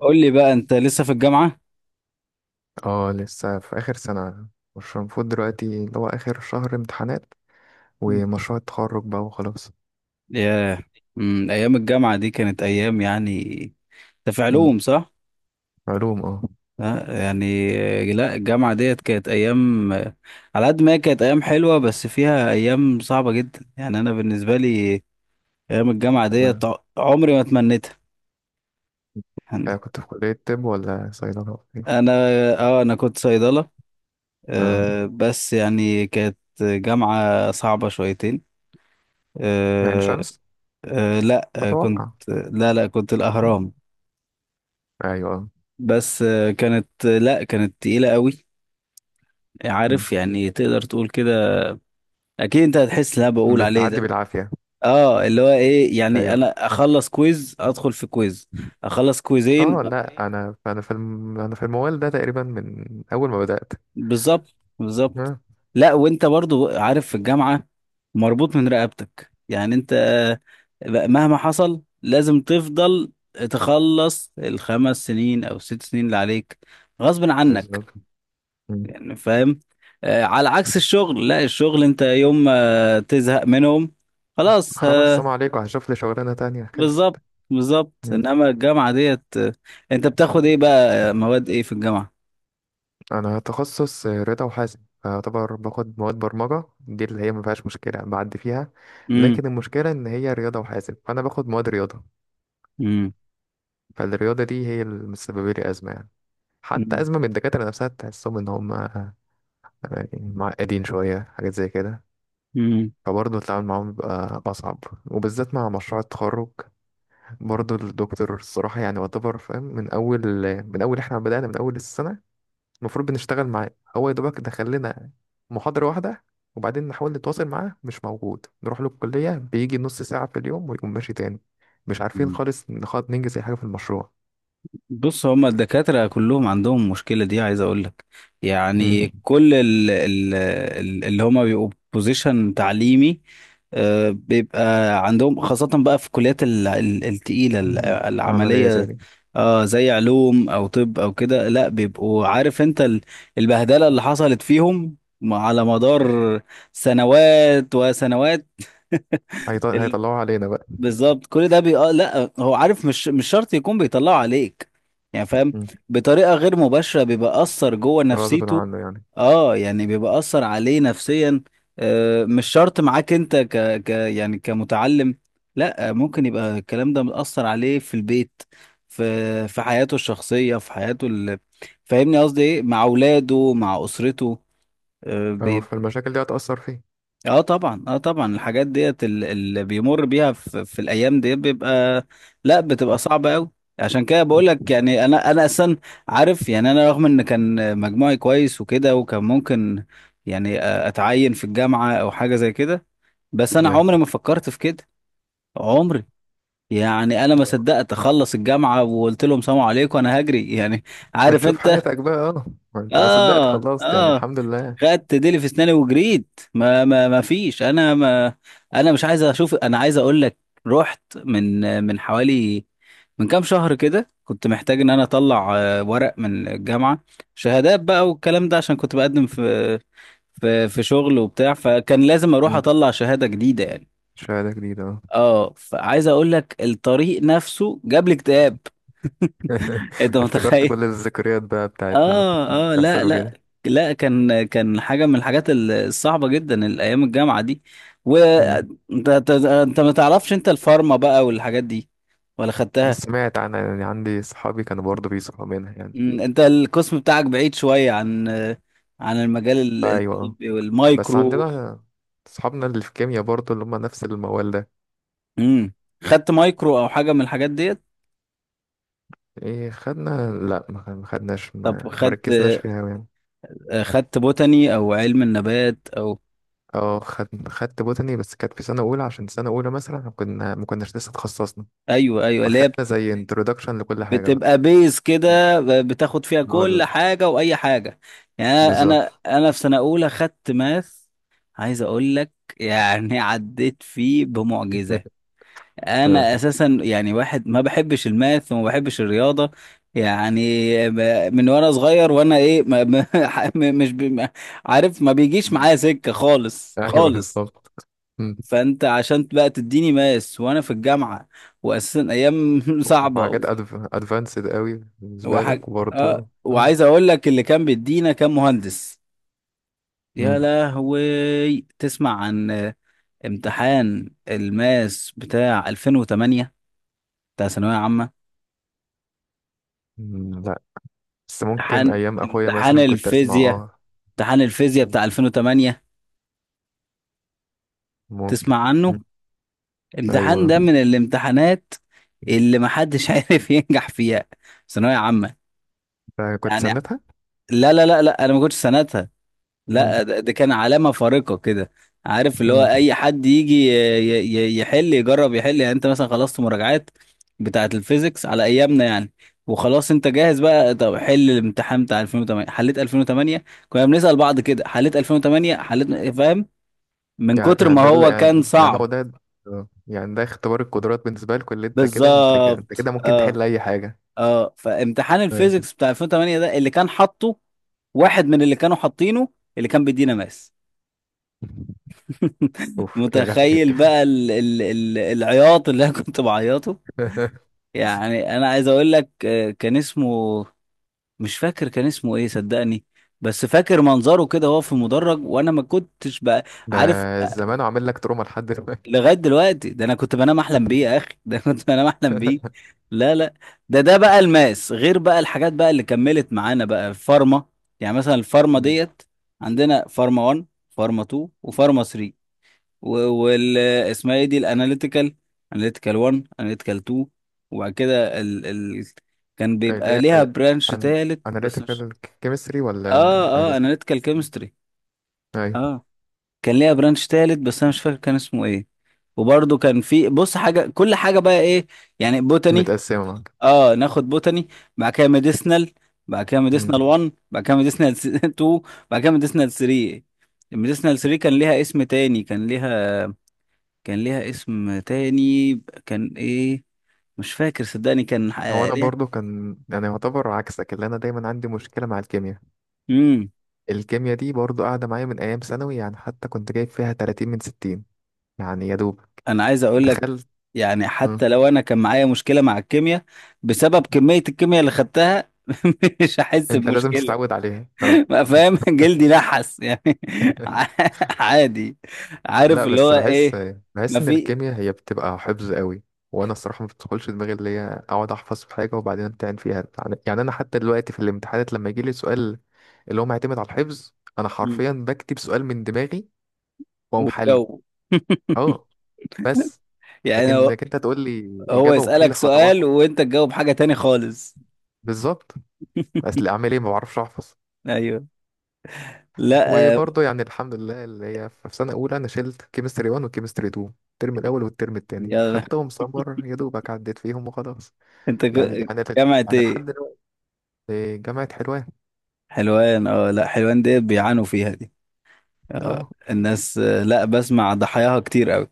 قول لي بقى انت لسه في الجامعة؟ اه، لسه في آخر سنة. مش المفروض دلوقتي اللي هو آخر شهر امتحانات ومشروع التخرج بقى وخلاص؟ ياه. ايام الجامعة دي كانت ايام يعني. انت في مم. علوم صح؟ علوم، اه. ها؟ يعني آه، لا الجامعة ديت كانت ايام آه، على قد ما هي كانت ايام حلوة بس فيها ايام صعبة جدا. يعني انا بالنسبة لي ايام الجامعة ديت تمام. عمري ما تمنيتها يعني. كنت في كلية طب ولا صيدلة ولا إيه؟ انا اه انا كنت صيدلة. اه، آه بس يعني كانت جامعة صعبة شويتين. يعني آه شمس آه لا آه، كنت أتوقع. لا كنت الاهرام. أيوة آه. بس آه، كانت لا كانت تقيلة قوي. مم. عارف يعني تقدر تقول كده. اكيد انت هتحس اللي انا بقول عليه بتعدي ده. بالعافية. اه اللي هو ايه يعني أيوة، انا اخلص كويز ادخل في كويز اخلص اه، كويزين. لا أيوة. أنا في الموال ده تقريبا من أول ما بدأت. بالظبط بالظبط. اه، لا وانت برضو عارف في الجامعة مربوط من رقبتك يعني انت آه، مهما حصل لازم تفضل تخلص الـ5 سنين او 6 سنين اللي عليك غصب عنك. بالظبط. مم. يعني فاهم آه، على عكس الشغل. لا الشغل انت يوم ما تزهق منهم خلاص خلاص، آه، السلام عليكم، هشوف لي شغلانة تانية، خلصت. بالظبط بالظبط. مم. انما الجامعة ديت آه، انت بتاخد ايه بقى آه، مواد ايه في الجامعة؟ انا تخصص رضا وحاسب، فاعتبر باخد مواد برمجه، دي اللي هي ما فيهاش مشكله، بعدي فيها. امم لكن المشكله ان هي رياضه وحاسب، فانا باخد مواد رياضه. امم فالرياضه دي هي اللي مسببه لي ازمه يعني. حتى ازمه من الدكاتره نفسها، تحسهم ان هم يعني معقدين شويه، حاجات زي كده. امم فبرضه التعامل معاهم بيبقى أصعب، وبالذات مع مشروع التخرج. برضه الدكتور الصراحة يعني يعتبر فاهم. من أول إحنا بدأنا من أول السنة، المفروض بنشتغل معاه. هو يا دوبك دخل لنا محاضرة واحدة، وبعدين نحاول نتواصل معاه مش موجود، نروح له الكلية بيجي نص ساعة في اليوم ويقوم ماشي تاني. مش عارفين خالص نخاط ننجز أي حاجة في المشروع. بص، هما الدكاترة كلهم عندهم المشكلة دي، عايز اقول لك. مم. يعني كل اللي هما بيبقوا بوزيشن تعليمي آه، بيبقى عندهم، خاصة بقى في الكليات التقيلة مم. عملية زي العملية. دي. اه زي علوم او طب او كده، لا بيبقوا عارف انت البهدلة اللي حصلت فيهم على مدار سنوات وسنوات هيطلعوا علينا بقى. بالظبط. كل ده آه لا هو عارف. مش مش شرط يكون بيطلعه عليك يعني فاهم. مم. بطريقة غير مباشرة بيبقى أثر جوه غصب نفسيته. عنه يعني. اه يعني بيبقى أثر عليه نفسيا. آه مش شرط معاك انت ك... ك يعني كمتعلم. لا آه، ممكن يبقى الكلام ده مأثر عليه في البيت، في حياته الشخصية، في حياته ال... فاهمني قصدي ايه، مع أولاده مع أسرته. اه، فالمشاكل دي هتأثر فيه. اه طبعا اه طبعا الحاجات ديت اللي بيمر بيها في الايام دي بيبقى لا بتبقى صعبه قوي. عشان كده بقول مم. لك يعني انا اصلا عارف يعني. انا رغم ان كان مجموعي كويس وكده وكان ممكن يعني اتعين في الجامعه او حاجه زي كده، بس انا ايوه عمري ما فكرت في كده. عمري، يعني انا ما آه. صدقت اخلص الجامعه وقلت لهم سلام عليكم انا هجري يعني. عارف بتشوف انت. حياتك بقى، اه. ما انت ما صدقت اه خلصت يعني، اه الحمد لله. خدت ديلي في اسناني وجريت. ما فيش انا ما، انا مش عايز اشوف. انا عايز اقول لك، رحت من حوالي، من كام شهر كده كنت محتاج ان انا اطلع آه، ورق من الجامعة، شهادات بقى والكلام ده، عشان كنت بقدم في في شغل وبتاع، فكان لازم اروح مم. اطلع شهادة جديدة يعني. شهادة جديدة اه. اه فعايز اقول لك الطريق نفسه جاب لي اكتئاب. انت افتكرت متخيل؟ كل الذكريات بقى بتاعت اللي كنت اه اه بيحصلوا لا كان كان حاجه من الحاجات الصعبه جدا الايام الجامعه دي. كده. وانت انت أنت أنت ما تعرفش انت الفارما بقى والحاجات دي، ولا خدتها؟ سمعت عنها يعني، عندي صحابي كانوا برضه بيصحوا منها يعني. مم، انت القسم بتاعك بعيد شويه عن عن المجال ايوه آه. الطبي بس والمايكرو. عندنا صحابنا اللي في كيمياء برضه، اللي هم نفس الموال ده. امم. خدت مايكرو او حاجه من الحاجات ديت؟ ايه خدنا، لا، ما خدناش، طب ما خدت ركزناش فيها أوي يعني. خدت بوتاني او علم النبات او؟ اه، خدت بوتاني، بس كانت في سنة أولى، عشان سنة أولى مثلا إحنا كنا ما كناش لسه اتخصصنا. ايوه ايوه اللي هي فخدنا زي انترودكشن لكل حاجة بقى. بتبقى بيز كده، بتاخد فيها هو كل ال- حاجة وأي حاجة. يعني أنا أنا بالظبط. أنا في سنة أولى خدت ماث. عايز أقول لك، يعني عديت فيه بمعجزة. آه. أنا أساسا يعني واحد ما بحبش الماث وما بحبش الرياضة يعني. من وأنا صغير وأنا إيه م- مش بي ما- عارف، ما بيجيش معايا سكة خالص أيوه خالص. بالظبط. مم. فأنت عشان بقى تديني ماث وأنا في الجامعة وأساسا أيام وحاجات صعبة. أدفانسد قوي بالنسبة وحاجة لك، اه. وبرضه آه. وعايز اقول لك اللي كان بيدينا كان مهندس. يا مم. لهوي، تسمع عن آه، امتحان الماس بتاع 2008، بتاع ثانوية عامة؟ لا، بس ممكن امتحان ايام اخويا امتحان مثلا كنت اسمع، الفيزياء، اه، امتحان الفيزياء بتاع 2008، ممكن. تسمع عنه؟ مم. امتحان ايوه، ده من الامتحانات اللي محدش عارف ينجح فيها. ثانوية عامة فكنت يعني. سندها. لا انا ما كنتش سنتها. مم. لا ده كان علامة فارقة كده. عارف اللي هو مم. أي حد يجي يحل، يجرب يحل. يعني أنت مثلا خلصت مراجعات بتاعة الفيزيكس على أيامنا يعني، وخلاص أنت جاهز بقى. طب حل الامتحان بتاع 2008. حليت 2008؟ كنا بنسأل بعض كده: حليت 2008؟ حليت؟ فاهم، من يعني كتر ما يعني ده اللي هو كان يعني يعني هو صعب. ده. آه. يعني ده اختبار القدرات بالنسبه لكم، اللي انت كده انت كده انت بالظبط كده ممكن اه تحل اي حاجه. اه. فامتحان ايوه. الفيزيكس بتاع 2008 ده اللي كان حاطه واحد من اللي كانوا حاطينه، اللي كان بيدينا ماس اوف يا لهوي. متخيل بقى ال ال ال العياط اللي انا كنت بعيطه؟ يعني انا عايز اقول لك آه، كان اسمه، مش فاكر كان اسمه ايه صدقني، بس فاكر منظره كده وهو في المدرج، وانا ما كنتش بقى ده عارف آه، الزمان عامل لك تروما لحد دلوقتي. لغاية دلوقتي ده انا كنت بنام احلم بيه يا اخي. ده أنا كنت بنام احلم بيه. لا لا، ده بقى الماس، غير بقى الحاجات بقى اللي كملت معانا بقى الفارما. يعني مثلا الفارما مم. ديت، عندنا فارما 1 فارما 2 وفارما 3، وال اسمها ايه دي الاناليتيكال، اناليتيكال 1 اناليتيكال 2، وبعد كده ال... ال... كان اللي بيبقى هي ليها برانش أن... تالت بس مش. analytical chemistry ولا اه اه analytical؟ اناليتيكال كيمستري ايوه، اه. كان ليها برانش تالت بس انا مش فاكر كان اسمه ايه. وبرضه كان في بص، حاجه كل حاجه بقى ايه، يعني بوتاني، متقسمه. اه ناخد بوتاني، بعد كده ميديسنال، بعد كده معاك. ميديسنال 1، بعد كده ميديسنال 2، بعد كده ميديسنال 3. الميديسنال 3 كان ليها اسم تاني، كان ليها اسم تاني، كان ايه، مش فاكر صدقني، كان هو آه، انا ليها. برضو كان يعني يعتبر عكسك، اللي انا دايما عندي مشكله مع الكيمياء. امم. الكيمياء دي برضو قاعده معايا من ايام ثانوي، يعني حتى كنت جايب فيها 30 من 60 يعني. يا دوب انا عايز اقول لك، دخلت. يعني مم. حتى لو انا كان معايا مشكله مع الكيمياء، بسبب كميه الكيمياء اللي خدتها مش هحس انت لازم بمشكله تتعود عليها اه. بقى، فاهم؟ جلدي نحس يعني. عادي. لا، عارف اللي بس هو بحس ايه؟ ما بحس ان في. الكيمياء هي بتبقى حفظ قوي. وانا الصراحه ما بتدخلش دماغي، اللي هي اقعد احفظ في حاجه وبعدين امتحن فيها يعني. يعني انا حتى دلوقتي في الامتحانات لما يجي لي سؤال اللي هو معتمد على الحفظ، انا مم. حرفيا بكتب سؤال من دماغي واقوم حله. والجو. اه، بس. يعني لكن هو، لكن انت تقول لي هو اجابه وحل يسألك خطوات. سؤال وانت تجاوب حاجه تاني خالص. بالظبط. اصل اعمل ايه، ما بعرفش احفظ. ايوه. لا آه، وبرضه يعني الحمد لله اللي هي في سنه اولى انا شلت كيمستري 1 وكيمستري 2، الترم الاول والترم التاني يلا. خدتهم سمر، يا دوبك عديت فيهم وخلاص. انت يعني يعني جامعة يعني لحد ايه؟ دلوقتي. جامعه حلوان. حلوان، اه. لا حلوان ديت بيعانوا فيها دي، آه اه، الناس. آه لا، بسمع ضحاياها كتير قوي.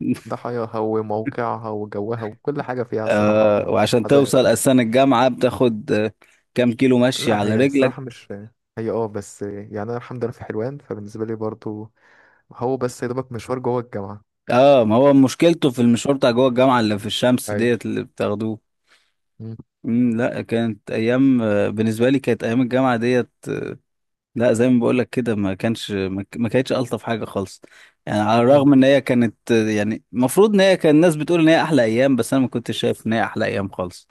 ضحاياها وموقعها وجوها وكل حاجه فيها الصراحه آه. وعشان عذاب. توصل اساسا الجامعة بتاخد آه، كام كيلو مشي لا، على هي رجلك؟ الصراحه مش، هي اه، بس يعني انا الحمد لله في حلوان، فبالنسبه لي برضه هو بس يا دوبك مشوار جوه الجامعه. اه ما هو مشكلته في المشوار بتاع جوه الجامعة اللي في الشمس ايوه. ديت اللي بتاخدوه. امم. لا كانت ايام آه، بالنسبة لي كانت ايام الجامعة ديت، لا زي ما بقول لك كده، ما كانش ما كانتش الطف حاجه خالص، يعني على مم. الرغم ان هي كانت يعني المفروض ان هي كان الناس بتقول ان هي احلى ايام، بس انا ما كنتش شايف ان هي احلى ايام خالص.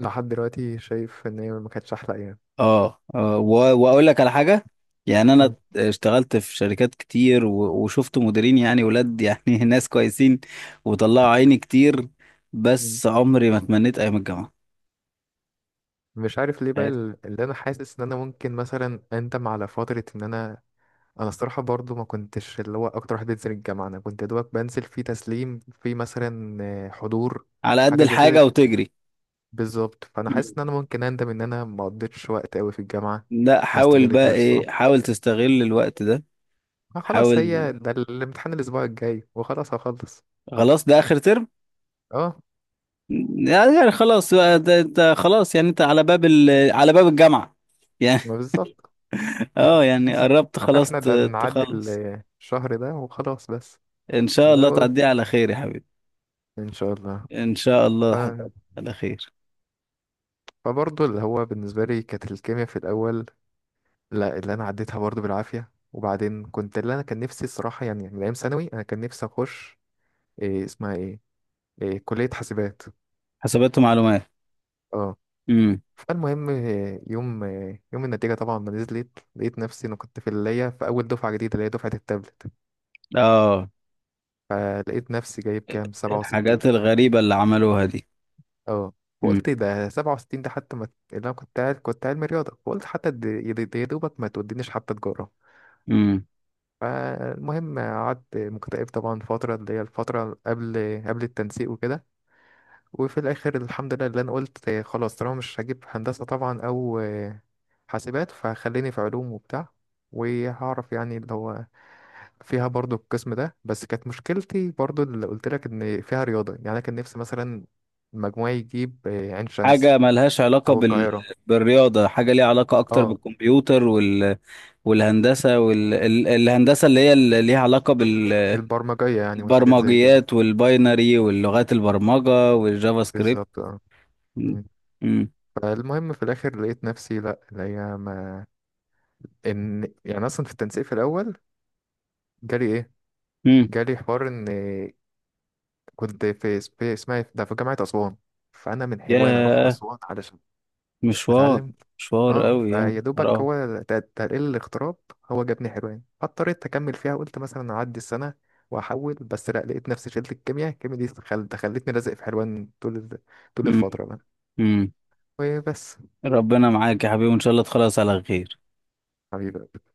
لحد دلوقتي شايف ان هي ما كانتش احلى ايام. اه, آه واقول لك على حاجه، يعني انا مم. اشتغلت في شركات كتير وشفت مديرين يعني ولاد يعني ناس كويسين وطلعوا عيني كتير، مم. بس عمري ما تمنيت ايام الجامعه. مش عارف ليه بقى، تخيل. اللي انا حاسس ان انا ممكن مثلا اندم على فتره ان انا. انا الصراحه برضو ما كنتش اللي هو اكتر واحد بينزل الجامعه. انا كنت يا دوبك بنزل في تسليم في مثلا حضور، على قد حاجه زي كده. الحاجه وتجري. بالظبط، فانا حاسس مم. ان انا ممكن اندم ان انا ما قضيتش وقت قوي في الجامعه. لا ما حاول بقى استغلتهاش صح. ايه، حاول تستغل الوقت ده. خلاص، حاول، هي ده الامتحان الاسبوع الجاي وخلاص هخلص. خلاص ده اخر ترم، اه. يعني يعني خلاص بقى ده انت خلاص يعني انت على باب ال... على باب الجامعة يعني. ما بالظبط. اه يعني قربت خلاص فاحنا ده نعدي تخلص. الشهر ده وخلاص بس. ان شاء لا الله هو- تعديها على خير يا حبيبي. ان شاء الله. ان شاء الله ف... هتعدي على خير. فبرضه اللي هو بالنسبه لي كانت الكيمياء في الاول. لا، اللي انا عديتها برضه بالعافيه، وبعدين كنت اللي انا كان نفسي الصراحه يعني من ايام ثانوي انا كان نفسي اخش. إيه اسمها ايه، إيه كليه حاسبات. حسابات ومعلومات. اه، امم. فالمهم إيه، يوم إيه، يوم النتيجه طبعا ما نزلت لقيت نفسي انا كنت في اللي هي في اول دفعه جديده اللي هي دفعه التابلت. اه، فلقيت نفسي جايب كام 67. الحاجات الغريبة اللي عملوها دي. اه، امم. فقلت ده 67 ده حتى ما، اللي انا كنت عارف كنت علمي رياضه، فقلت حتى يا دوبك ما تودينيش حتى تجاره. امم. فالمهم قعدت مكتئب طبعا فتره، اللي هي الفتره قبل التنسيق وكده. وفي الاخر الحمد لله اللي انا قلت خلاص طالما مش هجيب هندسه طبعا او حاسبات، فخليني في علوم وبتاع وهعرف يعني اللي هو فيها برضو القسم ده. بس كانت مشكلتي برضو اللي قلت لك ان فيها رياضه، يعني انا كان نفسي مثلا مجموعي يجيب عين شمس حاجة ملهاش علاقة او بال... القاهره. بالرياضة، حاجة ليها علاقة أكتر اه، بالكمبيوتر وال... والهندسة وال... الهندسة اللي هي اللي ليها علاقة بال... البرمجية يعني والحاجات زي كده. البرمجيات والباينري واللغات البرمجة والجافا سكريبت. بالظبط اه. مم. مم. مم. فالمهم في الاخر لقيت نفسي لا اللي هي ما. ان يعني اصلا في التنسيق في الاول جالي ايه، مم. جالي حوار ان كنت في اسمها إيه؟ ده في جامعة اسوان. فانا من حلوان اروح ياه، اسوان علشان مشوار، اتعلم. مشوار اه، قوي فيا يعني. دوبك اه. هو تقليل الاغتراب، هو جابني حلوان. فاضطريت اكمل فيها، قلت مثلا اعدي السنة واحول. بس لا، لقيت نفسي شلت الكيمياء. الكيمياء دي خلتني لازق في حلوان، طول مم. الفترة بقى. مم. وبس. ربنا معاك يا حبيبي وان شاء الله تخلص على خير. حبيبي.